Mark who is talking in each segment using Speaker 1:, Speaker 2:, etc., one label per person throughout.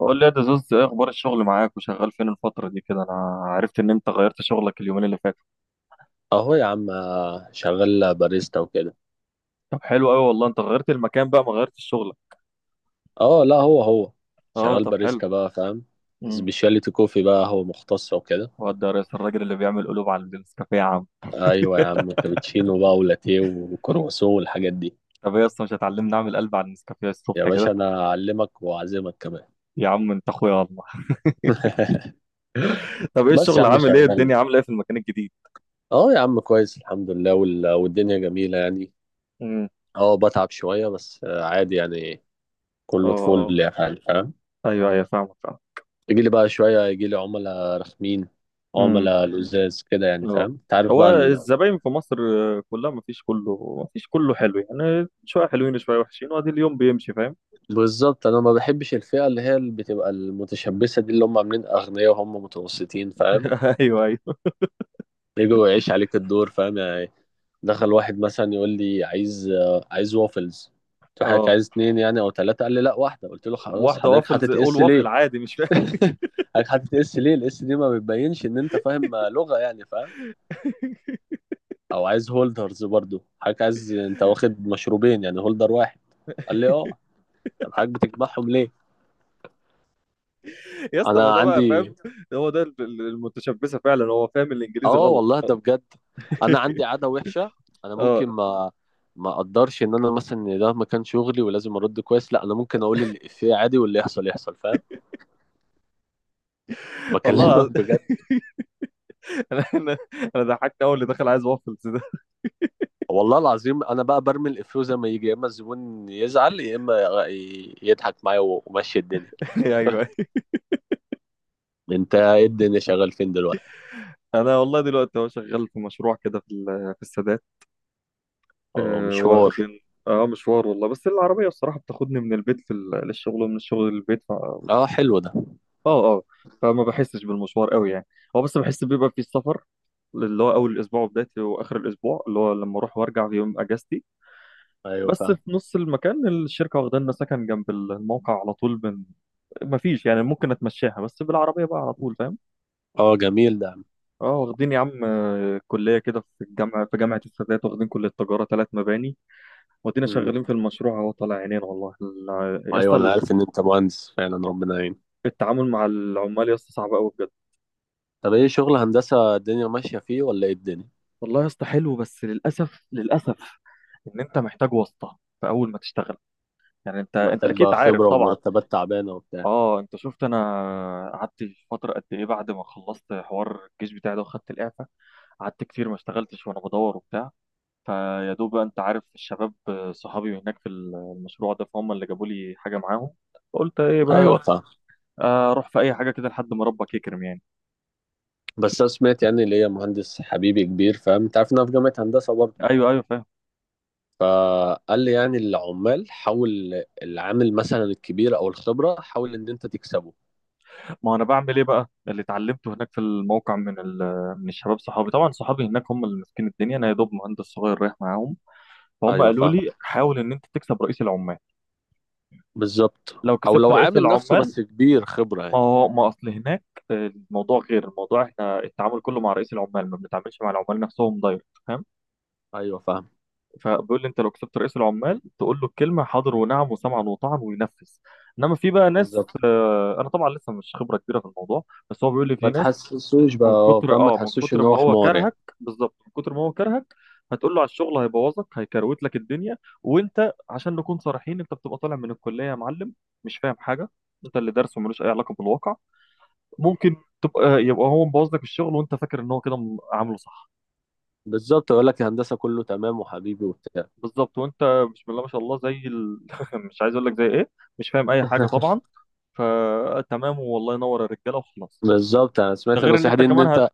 Speaker 1: قول لي يا دزوز، ايه اخبار الشغل معاك وشغال فين الفترة دي كده؟ انا عرفت ان انت غيرت شغلك اليومين اللي فاتوا.
Speaker 2: اهو يا عم، شغال باريستا وكده.
Speaker 1: طب حلو قوي والله، انت غيرت المكان بقى، ما غيرتش شغلك.
Speaker 2: اه لا، هو هو
Speaker 1: اه،
Speaker 2: شغال
Speaker 1: طب حلو.
Speaker 2: باريستا بقى، فاهم؟
Speaker 1: امم.
Speaker 2: سبيشاليتي كوفي بقى، هو مختص وكده.
Speaker 1: وده يا ريس الراجل اللي بيعمل قلوب على النسكافيه يا عم؟
Speaker 2: ايوه يا عم، كابتشينو بقى ولاتيه وكرواسون والحاجات دي.
Speaker 1: طب ايه اصلا، مش هتعلمني اعمل قلب على النسكافيه
Speaker 2: يا
Speaker 1: الصبح كده؟
Speaker 2: باشا، انا اعلمك واعزمك كمان.
Speaker 1: يا عم انت اخويا والله. طب ايه
Speaker 2: بس يا
Speaker 1: الشغل
Speaker 2: عم
Speaker 1: عامل ايه،
Speaker 2: شغال.
Speaker 1: الدنيا عامله ايه في المكان الجديد؟
Speaker 2: اه يا عم، كويس الحمد لله، والدنيا جميله يعني.
Speaker 1: امم.
Speaker 2: اه، بتعب شويه بس، عادي يعني.
Speaker 1: اه.
Speaker 2: كله
Speaker 1: اه.
Speaker 2: طفول يعني، فاهم؟
Speaker 1: ايوه ايوه، فاهمك، فاهم.
Speaker 2: يجي لي بقى شويه، يجي لي عملاء رخمين،
Speaker 1: امم.
Speaker 2: عملاء لزاز كده يعني،
Speaker 1: اه.
Speaker 2: فاهم؟ انت عارف
Speaker 1: هو
Speaker 2: بقى.
Speaker 1: الزباين في مصر كلها ما فيش، كله حلو يعني، شويه حلوين شويه وحشين، وادي اليوم بيمشي فاهم.
Speaker 2: بالظبط، انا ما بحبش الفئه اللي هي اللي بتبقى المتشبثه دي، اللي هم عاملين اغنياء وهم متوسطين، فاهم؟
Speaker 1: ايوه ايوه.
Speaker 2: يجوا يعيش عليك الدور، فاهم يعني. دخل واحد مثلا يقول لي عايز عايز وافلز. قلت له حضرتك
Speaker 1: اه،
Speaker 2: عايز اتنين يعني او تلاته؟ قال لي لا، واحده. قلت له خلاص،
Speaker 1: واحده
Speaker 2: حضرتك
Speaker 1: وافلز،
Speaker 2: حاطط
Speaker 1: قول
Speaker 2: اس ليه؟
Speaker 1: وافل عادي، مش فاهم.
Speaker 2: حضرتك حاطط اس ليه؟ الاس دي ما بتبينش ان انت فاهم لغه يعني، فاهم؟ او عايز هولدرز برضو، حضرتك عايز، انت واخد مشروبين يعني هولدر واحد. قال لي اه. طب حضرتك بتجمعهم ليه؟
Speaker 1: يا اسطى ما
Speaker 2: انا
Speaker 1: ده بقى فاهم.
Speaker 2: عندي.
Speaker 1: هو ده المتشبثه فعلا، هو فاهم الانجليزي
Speaker 2: اه
Speaker 1: غلط،
Speaker 2: والله
Speaker 1: اه.
Speaker 2: ده بجد، انا عندي عاده وحشه. انا
Speaker 1: آه.
Speaker 2: ممكن ما اقدرش ان انا مثلا إن ده مكان شغلي ولازم ارد كويس، لا انا ممكن اقول الافيه عادي واللي يحصل يحصل، فاهم؟
Speaker 1: والله
Speaker 2: بكلمك
Speaker 1: العظيم.
Speaker 2: بجد.
Speaker 1: انا انا أنا ضحكت اول اللي دخل عايز وافلز ده.
Speaker 2: والله العظيم، انا بقى برمي الافيه زي ما يجي، يا اما الزبون يزعل يا اما يضحك معايا ومشي الدنيا.
Speaker 1: ايوه.
Speaker 2: انت ايه الدنيا، شغال فين دلوقتي؟
Speaker 1: انا والله دلوقتي هو شغال في مشروع كده في السادات.
Speaker 2: اه مشوار.
Speaker 1: واخدين. اه، مشوار والله، بس العربيه الصراحه بتاخدني من البيت للشغل ومن الشغل للبيت.
Speaker 2: اه حلو ده.
Speaker 1: اه، اه. فما بحسش بالمشوار قوي يعني. هو بس بحس بيبقى في السفر، اللي هو اول الاسبوع وبدايته واخر الاسبوع، اللي هو لما اروح وارجع في يوم اجازتي.
Speaker 2: ايوه
Speaker 1: بس
Speaker 2: فاهم.
Speaker 1: في نص المكان الشركه واخده لنا سكن جنب الموقع على طول من. ما فيش يعني، ممكن اتمشاها بس بالعربيه بقى على طول فاهم.
Speaker 2: اه جميل ده.
Speaker 1: اه، واخدين يا عم كليه كده في الجامعه، في جامعه السادات، واخدين كليه تجاره ثلاث مباني. وادينا
Speaker 2: مم.
Speaker 1: شغالين في المشروع اهو، طالع عينينا والله، يا
Speaker 2: ايوه
Speaker 1: اسطى.
Speaker 2: انا عارف ان انت مهندس فعلا، ربنا يعين.
Speaker 1: التعامل مع العمال يا اسطى صعب قوي بجد.
Speaker 2: طب ايه شغل هندسه، الدنيا ماشيه فيه ولا ايه الدنيا؟
Speaker 1: والله يا اسطى حلو، بس للاسف، للاسف، ان انت محتاج واسطه في اول ما تشتغل. يعني انت
Speaker 2: محتاج
Speaker 1: اكيد
Speaker 2: بقى
Speaker 1: عارف
Speaker 2: خبرة
Speaker 1: طبعا.
Speaker 2: ومرتبات تعبانة وبتاع.
Speaker 1: اه، انت شفت، انا قعدت فتره قد ايه بعد ما خلصت حوار الجيش بتاعي ده وخدت الاعفاء. قعدت كتير ما اشتغلتش وانا بدور وبتاع. فيا دوب بقى، انت عارف الشباب صحابي هناك في المشروع ده، فهم اللي جابوا لي حاجه معاهم. قلت ايه
Speaker 2: ايوه
Speaker 1: بقى،
Speaker 2: فاهم.
Speaker 1: اروح في اي حاجه كده لحد ما ربك يكرم يعني.
Speaker 2: بس انا سمعت يعني اللي هي مهندس حبيبي كبير، فاهم؟ انت عارف ان انا في جامعة هندسة برضه.
Speaker 1: ايوه ايوه، فاهم.
Speaker 2: فقال لي يعني العمال حاول، العامل مثلا الكبير او الخبرة حاول ان انت تكسبه.
Speaker 1: ما انا بعمل ايه بقى اللي اتعلمته هناك في الموقع من الشباب صحابي، طبعا صحابي هناك هم اللي ماسكين الدنيا، انا يا دوب مهندس صغير رايح معاهم. فهم
Speaker 2: ايوه
Speaker 1: قالوا
Speaker 2: فاهم،
Speaker 1: لي حاول ان انت تكسب رئيس العمال.
Speaker 2: بالظبط.
Speaker 1: لو
Speaker 2: او
Speaker 1: كسبت
Speaker 2: لو
Speaker 1: رئيس
Speaker 2: عامل نفسه
Speaker 1: العمال،
Speaker 2: بس كبير خبرة
Speaker 1: ما
Speaker 2: يعني.
Speaker 1: هو ما اصل هناك الموضوع غير، الموضوع احنا التعامل كله مع رئيس العمال، ما بنتعاملش مع العمال نفسهم دايركت فاهم.
Speaker 2: ايوه فاهم،
Speaker 1: فبيقول لي انت لو كسبت رئيس العمال تقول له الكلمه حاضر ونعم وسمعا وطاعا وينفذ. انما في بقى ناس،
Speaker 2: بالظبط.
Speaker 1: انا طبعا لسه مش خبره كبيره في الموضوع، بس هو بيقول لي في
Speaker 2: ما
Speaker 1: ناس
Speaker 2: تحسسوش بقى،
Speaker 1: من
Speaker 2: اه
Speaker 1: كتر
Speaker 2: فاهم، ما
Speaker 1: من
Speaker 2: تحسسوش
Speaker 1: كتر
Speaker 2: ان
Speaker 1: ما
Speaker 2: هو
Speaker 1: هو
Speaker 2: حمار يعني.
Speaker 1: كرهك، بالظبط من كتر ما هو كرهك، هتقول له على الشغل هيبوظك، هيكروت لك الدنيا. وانت عشان نكون صريحين، انت بتبقى طالع من الكليه يا معلم، مش فاهم حاجه. انت اللي درسه ملوش اي علاقه بالواقع. ممكن تبقى يبقى هو مبوظ لك الشغل وانت فاكر ان هو كده عامله صح.
Speaker 2: بالظبط، يقول لك الهندسة كله تمام وحبيبي وبتاع.
Speaker 1: بالظبط. وانت بسم الله ما شاء الله مش عايز اقول لك زي ايه، مش فاهم اي حاجه طبعا. فتمام والله، ينور الرجاله وخلاص.
Speaker 2: بالظبط، انا
Speaker 1: ده
Speaker 2: سمعت
Speaker 1: غير ان
Speaker 2: النصيحة
Speaker 1: انت
Speaker 2: دي ان
Speaker 1: كمان
Speaker 2: انت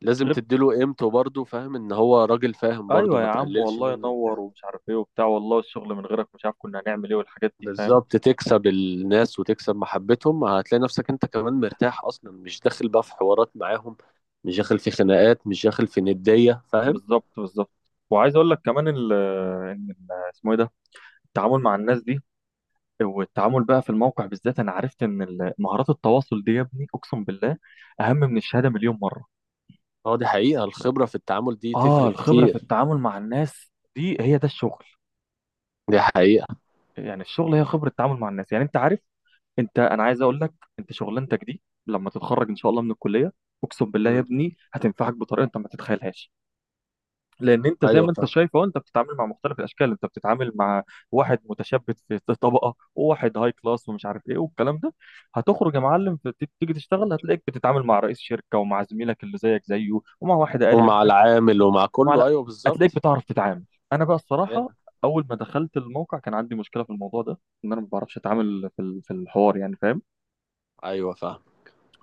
Speaker 2: لازم
Speaker 1: غير.
Speaker 2: تديله قيمته برضه، فاهم؟ ان هو راجل، فاهم برضه،
Speaker 1: ايوه يا
Speaker 2: ما
Speaker 1: عم
Speaker 2: تقللش
Speaker 1: والله،
Speaker 2: منه
Speaker 1: ينور
Speaker 2: وبتاع.
Speaker 1: ومش عارف ايه وبتاع، والله الشغل من غيرك مش عارف كنا هنعمل ايه والحاجات دي فاهم.
Speaker 2: بالظبط، تكسب الناس وتكسب محبتهم، هتلاقي نفسك انت كمان مرتاح، اصلا مش داخل بقى في حوارات معاهم، مش داخل في خناقات، مش داخل في ندية، فاهم؟
Speaker 1: بالظبط، بالظبط. وعايز اقول لك كمان ان اسمه ايه ده، التعامل مع الناس دي، والتعامل بقى في الموقع بالذات. انا عرفت ان مهارات التواصل دي يا ابني اقسم بالله اهم من الشهاده مليون مره.
Speaker 2: اه دي حقيقة، الخبرة في التعامل دي
Speaker 1: اه،
Speaker 2: تفرق
Speaker 1: الخبره في
Speaker 2: كتير.
Speaker 1: التعامل مع الناس دي هي ده الشغل.
Speaker 2: دي حقيقة.
Speaker 1: يعني الشغل هي خبره التعامل مع الناس، يعني انت عارف، انا عايز اقول لك انت شغلانتك دي لما تتخرج ان شاء الله من الكليه، اقسم بالله يا
Speaker 2: مم.
Speaker 1: ابني هتنفعك بطريقه انت ما تتخيلهاش. لان انت زي
Speaker 2: ايوه
Speaker 1: ما انت
Speaker 2: فاهم.
Speaker 1: شايف اهو، انت بتتعامل مع مختلف الاشكال. انت بتتعامل مع واحد متشبث في طبقه، وواحد هاي كلاس، ومش عارف ايه والكلام ده. هتخرج يا معلم تيجي تشتغل، هتلاقيك بتتعامل مع رئيس شركه ومع زميلك اللي زيك زيه ومع واحد اقل
Speaker 2: ومع
Speaker 1: منك.
Speaker 2: العامل ومع
Speaker 1: ومع
Speaker 2: كله،
Speaker 1: لا،
Speaker 2: ايوه بالظبط.
Speaker 1: هتلاقيك بتعرف تتعامل. انا بقى
Speaker 2: يعني.
Speaker 1: الصراحه اول ما دخلت الموقع كان عندي مشكله في الموضوع ده، ان انا ما بعرفش اتعامل في الحوار يعني فاهم.
Speaker 2: ايوه فاهم،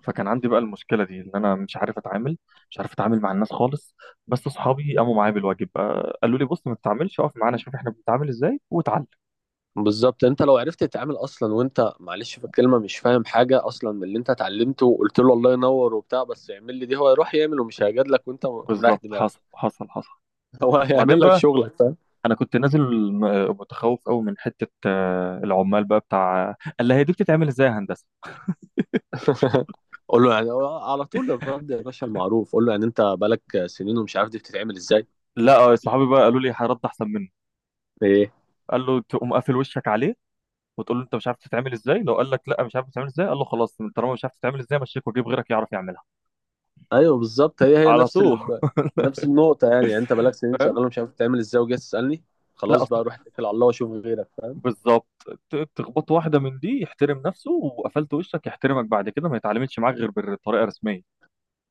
Speaker 1: فكان عندي بقى المشكله دي، ان انا مش عارف اتعامل، مش عارف اتعامل مع الناس خالص. بس اصحابي قاموا معايا بالواجب، قالوا لي بص ما تتعاملش، اقف معانا شوف احنا بنتعامل ازاي واتعلم.
Speaker 2: بالظبط. انت لو عرفت تتعامل اصلا، وانت معلش في الكلمه مش فاهم حاجه اصلا من اللي انت اتعلمته، وقلت له الله ينور وبتاع بس اعمل لي دي، هو يروح يعمل ومش هيجادلك لك وانت مريح
Speaker 1: بالظبط، حصل
Speaker 2: دماغك.
Speaker 1: حصل حصل.
Speaker 2: هو هيعمل
Speaker 1: وبعدين
Speaker 2: لك
Speaker 1: بقى
Speaker 2: شغلك، فاهم؟
Speaker 1: انا كنت نازل متخوف قوي من حته، العمال بقى بتاع. قال لي هي دي بتتعمل ازاي يا هندسه؟
Speaker 2: قول له، يعني هو على طول الرد يا باشا المعروف، قول له يعني انت بالك سنين ومش عارف دي بتتعمل ازاي؟
Speaker 1: لا، صحابي بقى قالوا لي هرد احسن منه.
Speaker 2: ايه.
Speaker 1: قال له تقوم قافل وشك عليه وتقول له انت مش عارف تتعمل ازاي، لو قال لك لا مش عارف تتعمل ازاي، قال له خلاص طالما مش عارف تتعمل ازاي، مشيك وجيب غيرك يعرف يعملها
Speaker 2: ايوه بالظبط، هي هي
Speaker 1: على
Speaker 2: نفس
Speaker 1: طول.
Speaker 2: نفس النقطه يعني. يعني انت بالك سنين شغال
Speaker 1: فاهم.
Speaker 2: ومش عارف بتتعمل ازاي وجاي تسالني؟
Speaker 1: لا
Speaker 2: خلاص
Speaker 1: اصل،
Speaker 2: بقى، روح اتكل على الله واشوف غيرك، فاهم؟
Speaker 1: بالظبط، تخبط واحده من دي يحترم نفسه، وقفلت وشك، يحترمك بعد كده ما يتعاملش معاك غير بالطريقه الرسميه.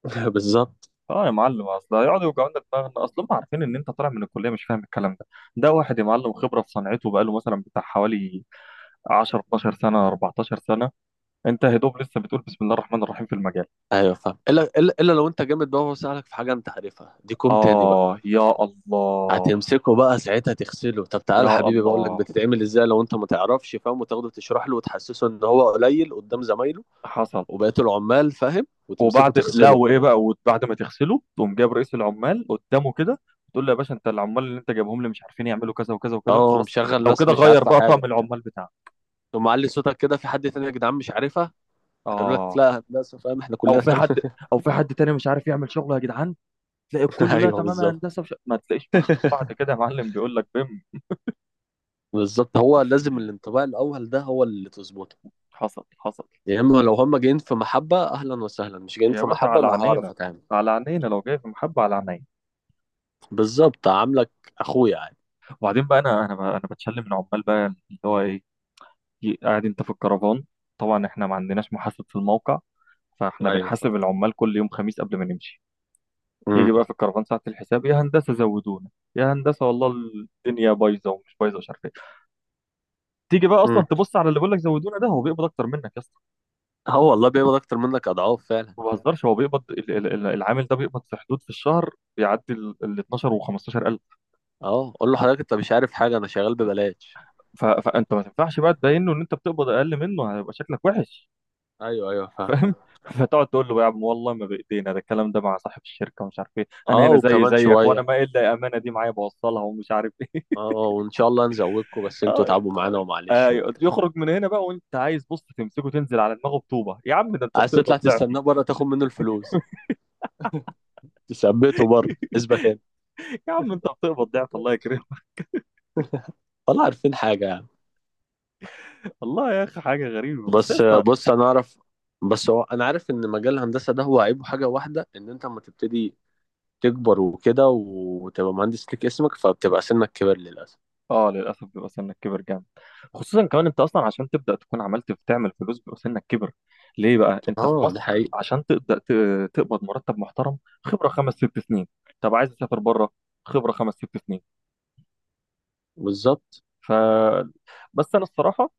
Speaker 2: بالظبط.
Speaker 1: اه يا معلم، اصل هيقعدوا يوجعوا لنا دماغنا، اصل هم عارفين ان انت طالع من الكليه مش فاهم الكلام ده. ده واحد يا معلم خبره في صنعته، بقاله مثلا بتاع حوالي 10 12 سنه 14 سنه، انت يا دوب لسه بتقول بسم الله الرحمن الرحيم في المجال.
Speaker 2: ايوه فاهم، الا الا إلا لو انت جامد بقى وهو سألك في حاجه انت عارفها، دي كوم تاني بقى.
Speaker 1: اه يا الله،
Speaker 2: هتمسكه بقى ساعتها تغسله، طب تعالى يا
Speaker 1: يا
Speaker 2: حبيبي بقول لك
Speaker 1: الله،
Speaker 2: بتتعمل ازاي لو انت ما تعرفش، فاهم؟ وتاخده تشرح له وتحسسه ان هو قليل قدام زمايله
Speaker 1: حصل.
Speaker 2: وبقيه العمال، فاهم؟ وتمسكه
Speaker 1: وبعد لا،
Speaker 2: تغسله.
Speaker 1: وايه بقى، وبعد ما تغسله تقوم جايب رئيس العمال قدامه كده، تقول له يا باشا انت العمال اللي انت جايبهم لي مش عارفين يعملوا كذا وكذا وكذا،
Speaker 2: اه
Speaker 1: خلاص
Speaker 2: مشغل
Speaker 1: لو
Speaker 2: ناس
Speaker 1: كده
Speaker 2: مش
Speaker 1: غير
Speaker 2: عارفه
Speaker 1: بقى
Speaker 2: حاجه
Speaker 1: طقم
Speaker 2: وبتاع.
Speaker 1: العمال بتاعك.
Speaker 2: تقوم معلي صوتك كده في حد تاني، يا جدعان مش عارفها؟ هيقول لك
Speaker 1: اه،
Speaker 2: لا هندسه، فاهم، احنا
Speaker 1: او
Speaker 2: كلنا
Speaker 1: في حد
Speaker 2: فاهم.
Speaker 1: او في حد تاني مش عارف يعمل شغله يا جدعان، تلاقي كله لا
Speaker 2: ايوه
Speaker 1: تمام يا
Speaker 2: بالظبط.
Speaker 1: هندسه، مش... ما تلاقيش مخلوق بعد كده يا معلم بيقول لك بم.
Speaker 2: بالظبط، هو لازم الانطباع الاول ده هو اللي تظبطه.
Speaker 1: حصل، حصل.
Speaker 2: يا اما لو هما جايين في محبة اهلا وسهلا، مش جايين
Speaker 1: يا
Speaker 2: في
Speaker 1: باشا
Speaker 2: محبة
Speaker 1: على
Speaker 2: انا هعرف
Speaker 1: عينينا،
Speaker 2: اتعامل.
Speaker 1: على عينينا لو جاي في محبه على عينينا.
Speaker 2: بالظبط، عاملك اخويا عادي.
Speaker 1: وبعدين بقى انا بتشلم من عمال بقى، اللي هو ايه، قاعد انت في الكرفان. طبعا احنا ما عندناش محاسب في الموقع، فاحنا
Speaker 2: ايوه صح.
Speaker 1: بنحاسب العمال كل يوم خميس قبل ما نمشي.
Speaker 2: امم.
Speaker 1: يجي بقى في الكرفان ساعة الحساب، يا هندسة زودونا، يا هندسة والله الدنيا بايظة، ومش بايظة مش عارف ايه. تيجي بقى اصلا
Speaker 2: امم.
Speaker 1: تبص على اللي بيقول لك زودونا، ده هو بيقبض اكتر منك يا اسطى.
Speaker 2: اه والله بيقبض اكتر منك اضعاف فعلا.
Speaker 1: ما بهزرش، هو بيقبض العامل ده بيقبض في حدود في الشهر، بيعدي ال 12 و 15,000.
Speaker 2: اه قول له حضرتك انت مش عارف حاجة، انا شغال ببلاش.
Speaker 1: فانت ما تنفعش بقى تبينه ان انت بتقبض اقل منه، هيبقى شكلك وحش
Speaker 2: ايوه ايوه فاهم.
Speaker 1: فاهم. فتقعد تقول له يا عم والله ما بايدينا ده الكلام ده، مع صاحب الشركه ومش عارف ايه، انا
Speaker 2: اه
Speaker 1: هنا زي
Speaker 2: وكمان
Speaker 1: زيك، وانا
Speaker 2: شوية.
Speaker 1: ما الا الامانه دي معايا بوصلها ومش عارف ايه.
Speaker 2: اه وان شاء الله نزودكم بس انتوا تعبوا معانا ومعلش
Speaker 1: آه،
Speaker 2: وبتاع.
Speaker 1: يخرج من هنا بقى وانت عايز بص تمسكه تنزل على دماغه بطوبه، يا عم ده انت
Speaker 2: عايز تطلع
Speaker 1: بتقبض ضعفي.
Speaker 2: تستناه بره تاخد منه الفلوس، تثبته بره، اثبت هنا.
Speaker 1: يا عم انت بتقبض ضعف، الله يكرمك.
Speaker 2: والله عارفين حاجة يعني.
Speaker 1: والله يا اخي حاجه غريبه بس يا
Speaker 2: بس
Speaker 1: اسطى.
Speaker 2: بص انا اعرف. بس هو انا عارف ان مجال الهندسه ده هو عيبه حاجه واحده، ان انت لما تبتدي تكبر وكده وتبقى مهندس ليك اسمك فبتبقى سنك كبر، للاسف.
Speaker 1: اه للاسف، بيبقى سنك كبر جامد. خصوصا كمان انت اصلا عشان تبدا تكون عملت تعمل فلوس، بيبقى سنك كبر. ليه بقى؟ انت في
Speaker 2: اه ده
Speaker 1: مصر
Speaker 2: حقيقي،
Speaker 1: عشان تبدا تقبض مرتب محترم، خبره خمس ست سنين. طب عايز تسافر بره؟ خبره خمس ست سنين.
Speaker 2: بالظبط.
Speaker 1: ف بس انا الصراحه،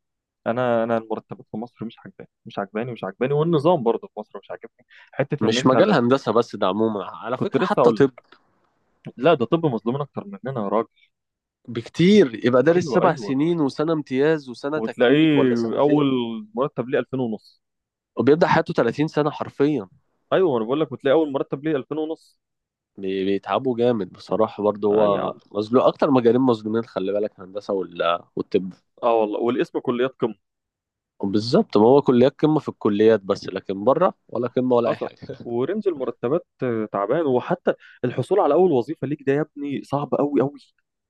Speaker 1: انا انا المرتبات في مصر مش عجباني، مش عجباني، مش عجباني، والنظام برضه في مصر مش عاجبني، حته ان
Speaker 2: مش
Speaker 1: انت.
Speaker 2: مجال هندسه بس، ده عموما على
Speaker 1: كنت
Speaker 2: فكره
Speaker 1: لسه
Speaker 2: حتى
Speaker 1: اقول
Speaker 2: طب
Speaker 1: لك، لا ده طب مظلومين اكتر مننا يا راجل.
Speaker 2: بكتير. يبقى دارس
Speaker 1: ايوه
Speaker 2: سبع
Speaker 1: ايوه.
Speaker 2: سنين وسنه امتياز وسنه تكليف
Speaker 1: وتلاقيه
Speaker 2: ولا
Speaker 1: اول
Speaker 2: سنتين،
Speaker 1: مرتب ليه 2000 ونص.
Speaker 2: وبيبدا حياته 30 سنه حرفيا.
Speaker 1: ايوه انا بقول لك، وتلاقي اول مرتب ليه 2000 ونص.
Speaker 2: بيتعبوا جامد بصراحه، برضه
Speaker 1: اه يا
Speaker 2: هو
Speaker 1: عم،
Speaker 2: مظلوم اكتر. مجالين مظلومين، خلي بالك، هندسه والطب.
Speaker 1: اه والله، والاسم كليات قمه.
Speaker 2: بالظبط، ما هو كليات قمة في الكليات، بس لكن بره ولا قمة ولا أي
Speaker 1: حصل.
Speaker 2: حاجة.
Speaker 1: ورينج المرتبات تعبان. وحتى الحصول على اول وظيفه ليك ده يا ابني صعب قوي، قوي،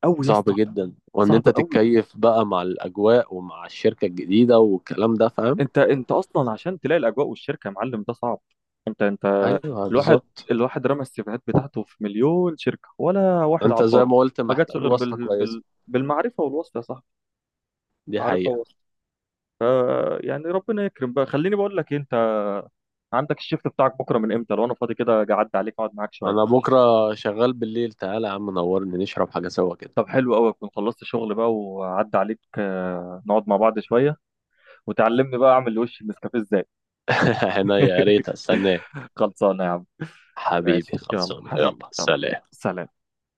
Speaker 1: قوي يا
Speaker 2: صعب
Speaker 1: اسطى.
Speaker 2: جدا، وإن
Speaker 1: صعب
Speaker 2: أنت
Speaker 1: قوي.
Speaker 2: تتكيف بقى مع الأجواء ومع الشركة الجديدة والكلام ده، فاهم؟
Speaker 1: انت اصلا عشان تلاقي الاجواء والشركه يا معلم ده صعب. انت
Speaker 2: أيوه
Speaker 1: الواحد،
Speaker 2: بالظبط.
Speaker 1: رمى السيفيهات بتاعته في مليون شركه ولا واحد
Speaker 2: أنت زي
Speaker 1: عبره.
Speaker 2: ما قلت
Speaker 1: ما جاتش
Speaker 2: محتاج
Speaker 1: غير
Speaker 2: واسطة كويسة.
Speaker 1: بالمعرفه والوصف يا صاحبي،
Speaker 2: دي
Speaker 1: معرفه
Speaker 2: حقيقة.
Speaker 1: ووصف. ف يعني ربنا يكرم بقى. خليني بقول لك إيه، انت عندك الشيفت بتاعك بكره من امتى؟ لو انا فاضي كده اجي اعدي عليك اقعد معاك
Speaker 2: أنا
Speaker 1: شويه.
Speaker 2: بكرة شغال بالليل، تعالى يا عم نورني، نشرب حاجة سوا كده.
Speaker 1: طب حلو قوي، اكون خلصت شغل بقى وعدي عليك، نقعد مع بعض شويه وتعلمني بقى اعمل وش النسكافيه ازاي.
Speaker 2: هنا، يا ريت أستناك.
Speaker 1: خلصانه يا عم.
Speaker 2: حبيبي
Speaker 1: ماشي يلا
Speaker 2: خلصانة،
Speaker 1: حبيبي،
Speaker 2: يلا
Speaker 1: يلا
Speaker 2: سلام.
Speaker 1: سلام.